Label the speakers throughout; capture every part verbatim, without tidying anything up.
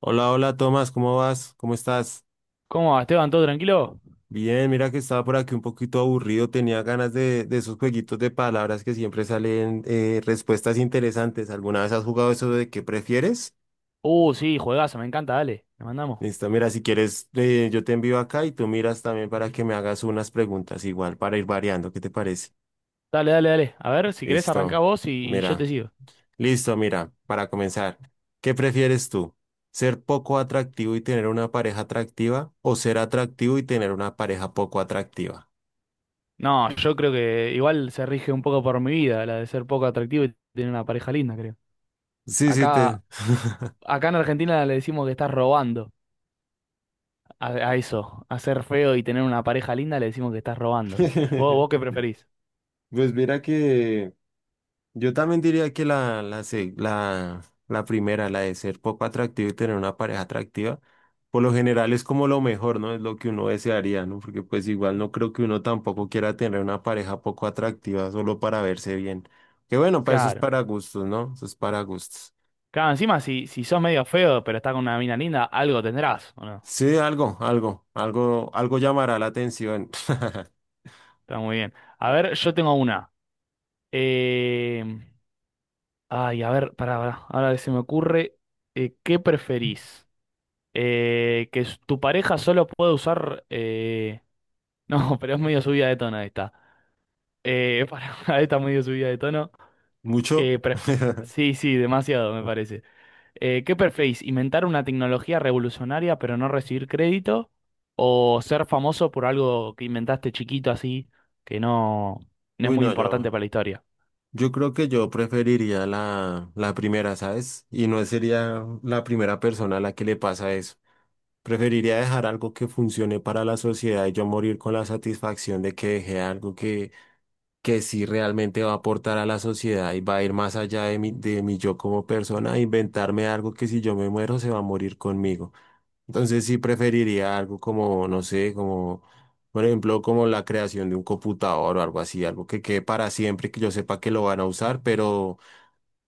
Speaker 1: Hola, hola Tomás, ¿cómo vas? ¿Cómo estás?
Speaker 2: ¿Cómo va, Esteban? ¿Todo tranquilo?
Speaker 1: Bien, mira que estaba por aquí un poquito aburrido, tenía ganas de, de esos jueguitos de palabras que siempre salen eh, respuestas interesantes. ¿Alguna vez has jugado eso de qué prefieres?
Speaker 2: Uh, sí, juegazo, me encanta, dale, le mandamos.
Speaker 1: Listo, mira, si quieres, eh, yo te envío acá y tú miras también para que me hagas unas preguntas igual para ir variando, ¿qué te parece?
Speaker 2: Dale, dale, dale. A ver, si querés arrancá
Speaker 1: Listo,
Speaker 2: vos y, y yo
Speaker 1: mira,
Speaker 2: te sigo.
Speaker 1: listo, mira, para comenzar, ¿qué prefieres tú? ¿Ser poco atractivo y tener una pareja atractiva o ser atractivo y tener una pareja poco atractiva?
Speaker 2: No, yo creo que igual se rige un poco por mi vida, la de ser poco atractivo y tener una pareja linda, creo.
Speaker 1: Sí, sí, te...
Speaker 2: Acá, acá en Argentina le decimos que estás robando a, a eso, a ser feo y tener una pareja linda le decimos que estás robando. ¿Vos, vos qué preferís?
Speaker 1: Pues mira que yo también diría que la, la, se- la, la primera, la de ser poco atractivo y tener una pareja atractiva, por lo general es como lo mejor, ¿no? Es lo que uno desearía, ¿no? Porque pues igual no creo que uno tampoco quiera tener una pareja poco atractiva solo para verse bien. Que bueno, para eso es
Speaker 2: Claro.
Speaker 1: para gustos, ¿no? Eso es para gustos.
Speaker 2: Claro, encima si, si sos medio feo pero estás con una mina linda, algo tendrás, ¿o no?
Speaker 1: Sí, algo, algo, algo, algo llamará la atención.
Speaker 2: Está muy bien. A ver, yo tengo una. Eh... Ay, a ver, pará, pará. Ahora se me ocurre, eh, ¿qué preferís? Eh, ¿que s- tu pareja solo pueda usar. eh, No, pero es medio subida de tono esta. Eh, pará, esta es medio subida de tono.
Speaker 1: ¿Mucho?
Speaker 2: que pref- Sí, sí, demasiado me parece. Eh, ¿qué preferís? ¿Inventar una tecnología revolucionaria pero no recibir crédito? ¿O ser famoso por algo que inventaste chiquito así, que no, no es
Speaker 1: Uy,
Speaker 2: muy
Speaker 1: no,
Speaker 2: importante
Speaker 1: yo.
Speaker 2: para la historia?
Speaker 1: Yo creo que yo preferiría la, la primera, ¿sabes? Y no sería la primera persona a la que le pasa eso. Preferiría dejar algo que funcione para la sociedad y yo morir con la satisfacción de que dejé algo que, que sí realmente va a aportar a la sociedad y va a ir más allá de mi, de mi yo como persona, a inventarme algo que si yo me muero se va a morir conmigo. Entonces sí preferiría algo como, no sé, como, por ejemplo, como la creación de un computador o algo así, algo que quede para siempre, que yo sepa que lo van a usar, pero,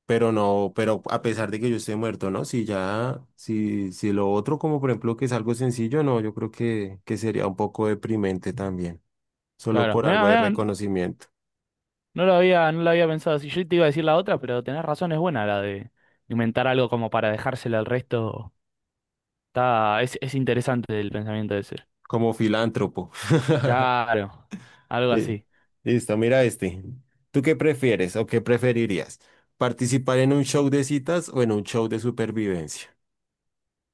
Speaker 1: pero no, pero a pesar de que yo esté muerto, ¿no? Si ya, si, si lo otro, como por ejemplo, que es algo sencillo, no, yo creo que, que sería un poco deprimente también, solo
Speaker 2: Claro,
Speaker 1: por
Speaker 2: mirá,
Speaker 1: algo de
Speaker 2: mirá.
Speaker 1: reconocimiento,
Speaker 2: No lo había, no lo había pensado así. Yo te iba a decir la otra, pero tenés razón, es buena la de inventar algo como para dejársela al resto. Está, es, es interesante el pensamiento de ser.
Speaker 1: como filántropo.
Speaker 2: Claro, algo
Speaker 1: Eh,
Speaker 2: así.
Speaker 1: Listo, mira este. ¿Tú qué prefieres o qué preferirías? ¿Participar en un show de citas o en un show de supervivencia?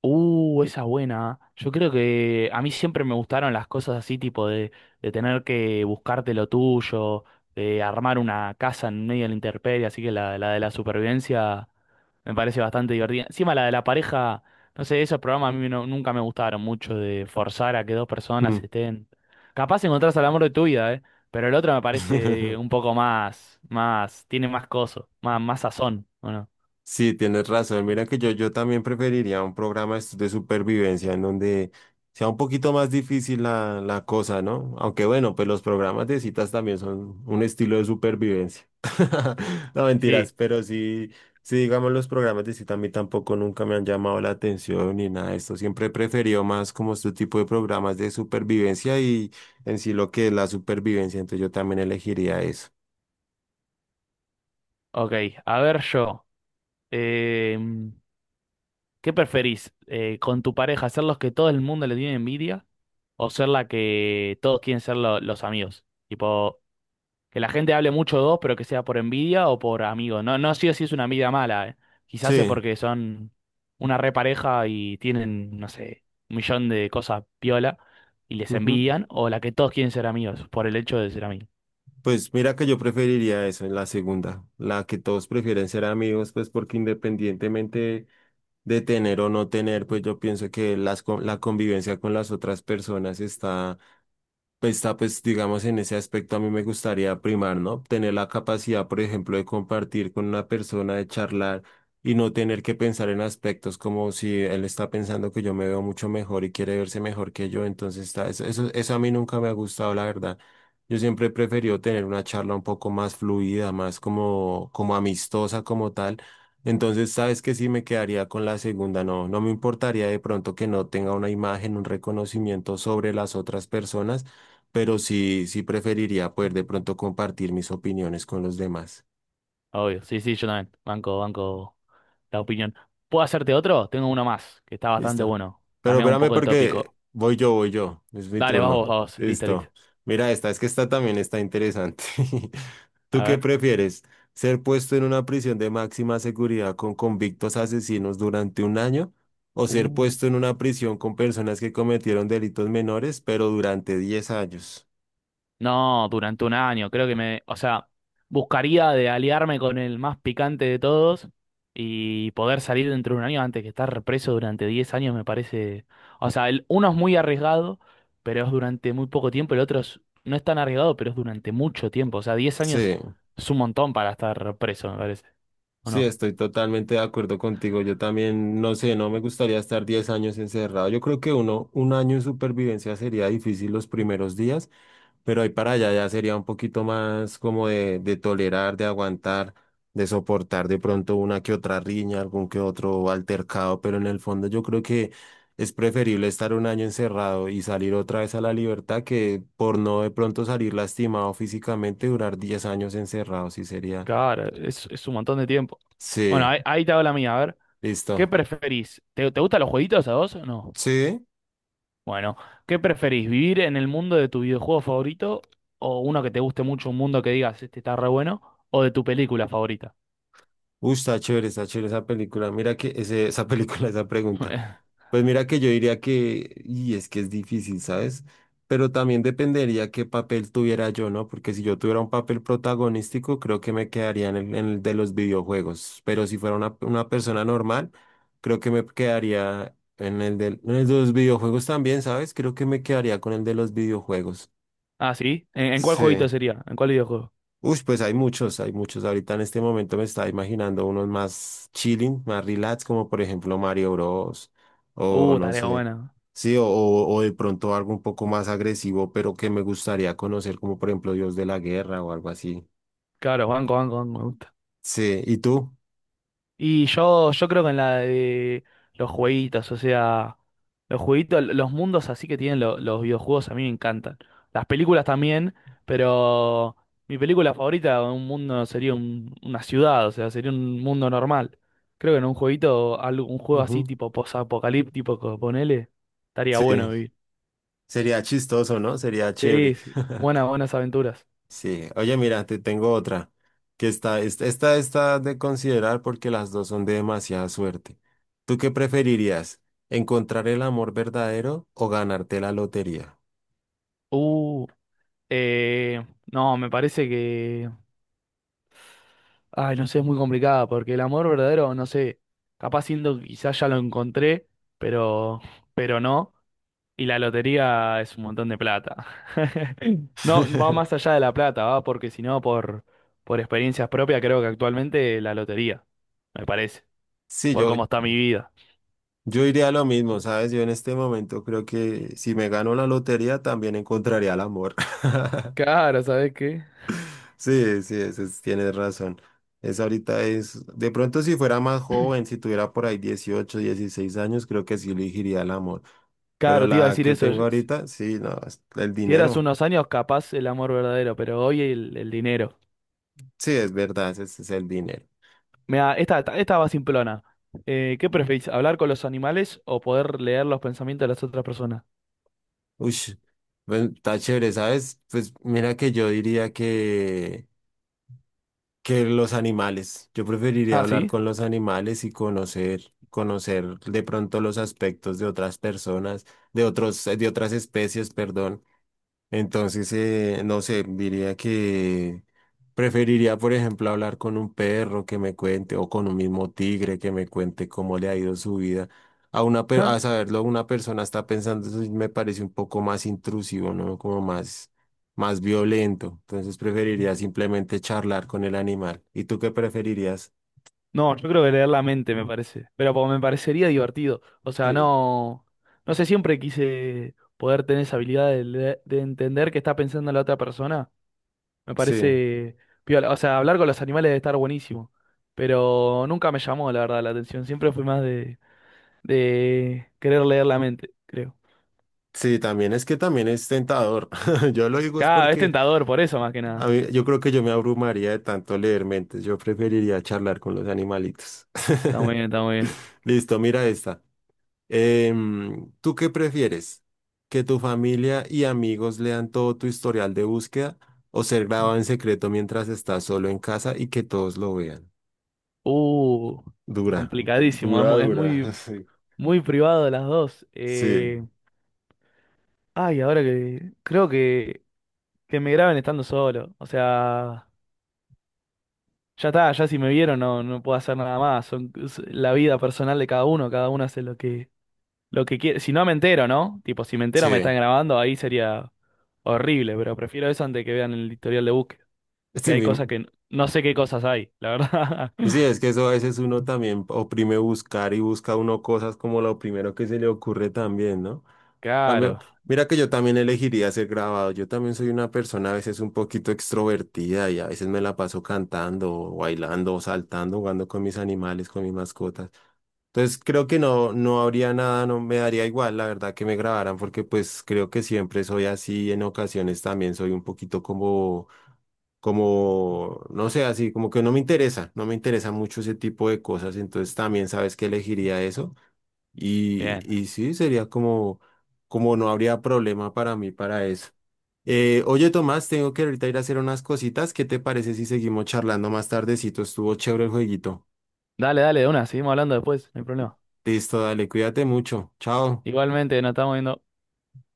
Speaker 2: Uh, esa buena, ¿eh? Yo creo que a mí siempre me gustaron las cosas así, tipo de, de tener que buscarte lo tuyo, de armar una casa en medio de la intemperie, así que la, la de la supervivencia me parece bastante divertida. Encima la de la pareja, no sé, esos programas a mí no- nunca me gustaron mucho de forzar a que dos personas
Speaker 1: Mm.
Speaker 2: estén. Capaz encontrás al amor de tu vida, ¿eh? Pero el otro me parece un poco más, más, tiene más coso, más, más sazón, ¿o no?
Speaker 1: Sí, tienes razón. Mira que yo, yo también preferiría un programa es- de supervivencia en donde sea un poquito más difícil la, la cosa, ¿no? Aunque bueno, pues los programas de citas también son un estilo de supervivencia. No mentiras,
Speaker 2: Sí,
Speaker 1: pero sí, sí, digamos, los programas de cita a mí tampoco nunca me han llamado la atención ni nada de esto. Siempre he preferido más como este tipo de programas de supervivencia y en sí lo que es la supervivencia. Entonces yo también elegiría eso.
Speaker 2: ok, a ver yo. Em, ¿Qué preferís? Eh, ¿con tu pareja ser los que todo el mundo le tiene envidia o ser la que todos quieren ser lo- los amigos? ¿Tipo, que la gente hable mucho de vos, pero que sea por envidia o por amigos? No, no sí o sí es una envidia mala, eh. Quizás es
Speaker 1: Sí.
Speaker 2: porque son una repareja y tienen, no sé, un millón de cosas piola y les envidian, o la que todos quieren ser amigos por el hecho de ser amigos.
Speaker 1: Pues mira que yo preferiría eso en la segunda, la que todos prefieren ser amigos, pues porque independientemente de tener o no tener, pues yo pienso que las, con- la convivencia con las otras personas está pues, Está, pues, digamos, en ese aspecto a mí me gustaría primar, ¿no? Tener la capacidad, por ejemplo, de compartir con una persona, de charlar y no tener que pensar en aspectos como si él está pensando que yo me veo mucho mejor y quiere verse mejor que yo. Entonces, está, eso, eso, eso a mí nunca me ha gustado, la verdad. Yo siempre he preferido tener una charla un poco más fluida, más como, como amistosa, como tal. Entonces, sabes que sí me quedaría con la segunda, no, no me importaría de pronto que no tenga una imagen, un reconocimiento sobre las otras personas pero sí, sí preferiría poder de pronto compartir mis opiniones con los demás.
Speaker 2: Obvio, sí, sí, yo también. Banco, banco la opinión. ¿Puedo hacerte otro? Tengo uno más, que está bastante
Speaker 1: Listo.
Speaker 2: bueno.
Speaker 1: Pero
Speaker 2: Cambia un
Speaker 1: espérame
Speaker 2: poco el
Speaker 1: porque
Speaker 2: tópico.
Speaker 1: voy yo, voy yo. Es mi
Speaker 2: Dale, vas
Speaker 1: turno.
Speaker 2: vos, vas vos. Listo, listo.
Speaker 1: Listo. Mira esta, es que esta también está interesante. ¿Tú
Speaker 2: A
Speaker 1: qué
Speaker 2: ver.
Speaker 1: prefieres? ¿Ser puesto en una prisión de máxima seguridad con convictos asesinos durante un año? ¿O ser
Speaker 2: Uh.
Speaker 1: puesto en una prisión con personas que cometieron delitos menores, pero durante diez años?
Speaker 2: No, durante un año, creo que me, o sea, buscaría de aliarme con el más picante de todos y poder salir dentro de un año antes que estar preso durante diez años me parece, o sea, el, uno es muy arriesgado, pero es durante muy poco tiempo, el otro es- no es tan arriesgado, pero es durante mucho tiempo, o sea, diez años
Speaker 1: Sí.
Speaker 2: es un montón para estar preso, me parece, ¿o
Speaker 1: Sí,
Speaker 2: no?
Speaker 1: estoy totalmente de acuerdo contigo. Yo también, no sé, no me gustaría estar diez años encerrado. Yo creo que uno, un año en supervivencia sería difícil los primeros días, pero ahí para allá ya sería un poquito más como de, de tolerar, de aguantar, de soportar de pronto una que otra riña, algún que otro altercado, pero en el fondo yo creo que es preferible estar un año encerrado y salir otra vez a la libertad que por no de pronto salir lastimado físicamente, durar diez años encerrado, sí sería.
Speaker 2: Claro, es, es un montón de tiempo. Bueno,
Speaker 1: Sí,
Speaker 2: ahí, ahí te hago la mía, a ver, ¿qué
Speaker 1: listo.
Speaker 2: preferís? ¿Te, te gustan los jueguitos a vos o no?
Speaker 1: Sí,
Speaker 2: Bueno, ¿qué preferís? ¿Vivir en el mundo de tu videojuego favorito o uno que te guste mucho, un mundo que digas, este está re bueno, o de tu película favorita?
Speaker 1: uy, está chévere, está chévere esa película. Mira que ese, esa película, esa pregunta. Pues mira que yo diría que, y es que es difícil, ¿sabes? Pero también dependería qué papel tuviera yo, ¿no? Porque si yo tuviera un papel protagonístico, creo que me quedaría en el, en el de los videojuegos. Pero si fuera una, una persona normal, creo que me quedaría en el del- en el de los videojuegos también, ¿sabes? Creo que me quedaría con el de los videojuegos.
Speaker 2: Ah, ¿sí? ¿En, en cuál jueguito
Speaker 1: Sí.
Speaker 2: sería? ¿En cuál videojuego?
Speaker 1: Uy, pues hay muchos, hay muchos. Ahorita en este momento me estaba imaginando unos más chilling, más relax, como por ejemplo Mario Bros. O
Speaker 2: Uh,
Speaker 1: no
Speaker 2: tarea
Speaker 1: sé.
Speaker 2: buena.
Speaker 1: Sí, o, o o de pronto algo un poco más agresivo, pero que me gustaría conocer, como por ejemplo Dios de la Guerra o algo así.
Speaker 2: Claro, banco, banco, banco.
Speaker 1: Sí, ¿y tú?
Speaker 2: Y yo, yo creo que en la de los jueguitos, o sea, los jueguitos, los mundos así que tienen lo- los videojuegos a mí me encantan. Las películas también, pero mi película favorita de un mundo sería un- una ciudad, o sea, sería un mundo normal. Creo que en un jueguito, algo- un juego
Speaker 1: Ujú.
Speaker 2: así tipo post-apocalíptico, co- ponele, estaría bueno
Speaker 1: Sí,
Speaker 2: vivir.
Speaker 1: sería chistoso, ¿no? Sería chévere.
Speaker 2: Sí, sí. Buenas, buenas aventuras.
Speaker 1: Sí, oye, mira, te tengo otra, que está, esta, esta está de considerar porque las dos son de demasiada suerte. ¿Tú qué preferirías? ¿Encontrar el amor verdadero o ganarte la lotería?
Speaker 2: Uh, eh, no, me parece que, ay, no sé, es muy complicada, porque el amor verdadero, no sé, capaz siento que quizás ya lo encontré, pero, pero no. Y la lotería es un montón de plata. No, va más allá de la plata, va porque si no, por, por experiencias propias, creo que actualmente la lotería, me parece,
Speaker 1: Sí,
Speaker 2: por
Speaker 1: yo,
Speaker 2: cómo está mi vida.
Speaker 1: yo iría a lo mismo, ¿sabes? Yo en este momento creo que si me gano la lotería también encontraría el amor.
Speaker 2: Claro, ¿sabes qué?
Speaker 1: Sí, sí, eso es- tienes razón. Es ahorita es, de pronto si fuera más joven, si tuviera por ahí dieciocho, dieciséis años, creo que sí elegiría el amor. Pero
Speaker 2: Claro, te iba a
Speaker 1: la
Speaker 2: decir
Speaker 1: que
Speaker 2: eso.
Speaker 1: tengo
Speaker 2: Si
Speaker 1: ahorita, sí, no, es el
Speaker 2: si eras
Speaker 1: dinero.
Speaker 2: unos años, capaz el amor verdadero, pero hoy el, el dinero.
Speaker 1: Sí, es verdad, ese es el dinero.
Speaker 2: Mira, esta, esta esta va simplona. Eh, ¿qué preferís, hablar con los animales o poder leer los pensamientos de las otras personas?
Speaker 1: Uy, bueno, está chévere, ¿sabes? Pues mira que yo diría que, que los animales. Yo preferiría
Speaker 2: Ah,
Speaker 1: hablar
Speaker 2: ¿sí?
Speaker 1: con los animales y conocer, conocer de pronto los aspectos de otras personas, de otros, de otras especies, perdón. Entonces, eh, no sé, diría que preferiría, por ejemplo, hablar con un perro que me cuente o con un mismo tigre que me cuente cómo le ha ido su vida. A una, per-
Speaker 2: Ah,
Speaker 1: a saberlo, una persona está pensando, eso sí me parece un poco más intrusivo, ¿no? Como más, más violento. Entonces, preferiría simplemente charlar con el animal. ¿Y tú qué preferirías?
Speaker 2: no, yo creo que leer la mente me parece, pero como me parecería divertido. O sea,
Speaker 1: Sí.
Speaker 2: no, no sé, siempre quise poder tener esa habilidad de, leer- de entender qué está pensando la otra persona. Me
Speaker 1: Sí,
Speaker 2: parece piola. O sea, hablar con los animales debe estar buenísimo, pero nunca me llamó, la verdad, la atención. Siempre fui más de, de, querer leer la mente, creo.
Speaker 1: sí, también es que también es tentador. Yo lo digo es
Speaker 2: Cada es
Speaker 1: porque
Speaker 2: tentador por eso más que
Speaker 1: a
Speaker 2: nada.
Speaker 1: mí... Yo creo que yo me abrumaría de tanto leer mentes. Yo preferiría charlar con los animalitos.
Speaker 2: Está muy bien, está muy bien.
Speaker 1: Listo, mira esta. Em, ¿tú qué prefieres? ¿Que tu familia y amigos lean todo tu historial de búsqueda o ser grabado
Speaker 2: ¿No?
Speaker 1: en secreto mientras estás solo en casa y que todos lo vean?
Speaker 2: Uh,
Speaker 1: Dura,
Speaker 2: Complicadísimo. Es,
Speaker 1: dura,
Speaker 2: mu- es
Speaker 1: dura.
Speaker 2: muy, muy privado de las dos.
Speaker 1: Sí, sí,
Speaker 2: Eh, ay, ahora que creo que, que me graben estando solo. O sea, ya está, ya si me vieron no, no puedo hacer nada más. Son, es la vida personal de cada uno, cada uno hace lo que, lo que quiere. Si no me entero, ¿no? Tipo, si me entero me están
Speaker 1: sí.
Speaker 2: grabando, ahí sería horrible, pero prefiero eso antes que vean el historial de búsqueda. Que
Speaker 1: Sí,
Speaker 2: hay
Speaker 1: mi...
Speaker 2: cosas que n- no sé qué cosas hay, la verdad.
Speaker 1: sí, es que eso a veces uno también oprime buscar y busca uno cosas como lo primero que se le ocurre también, ¿no? A mí...
Speaker 2: Claro,
Speaker 1: Mira que yo también elegiría ser grabado. Yo también soy una persona a veces un poquito extrovertida y a veces me la paso cantando, o bailando, o saltando, jugando con mis animales, con mis mascotas. Entonces creo que no, no habría nada, no me daría igual, la verdad, que me grabaran, porque pues creo que siempre soy así, en ocasiones también soy un poquito como, como, no sé, así, como que no me interesa, no me interesa mucho ese tipo de cosas, entonces también sabes que elegiría eso. Y,
Speaker 2: bien.
Speaker 1: y sí, sería como, como no habría problema para mí para eso. Eh, oye, Tomás, tengo que ahorita ir a hacer unas cositas. ¿Qué te parece si seguimos charlando más tardecito? Estuvo chévere el jueguito.
Speaker 2: Dale, dale, de una, seguimos hablando después, no hay problema.
Speaker 1: Listo, dale, cuídate mucho. Chao.
Speaker 2: Igualmente, nos estamos viendo.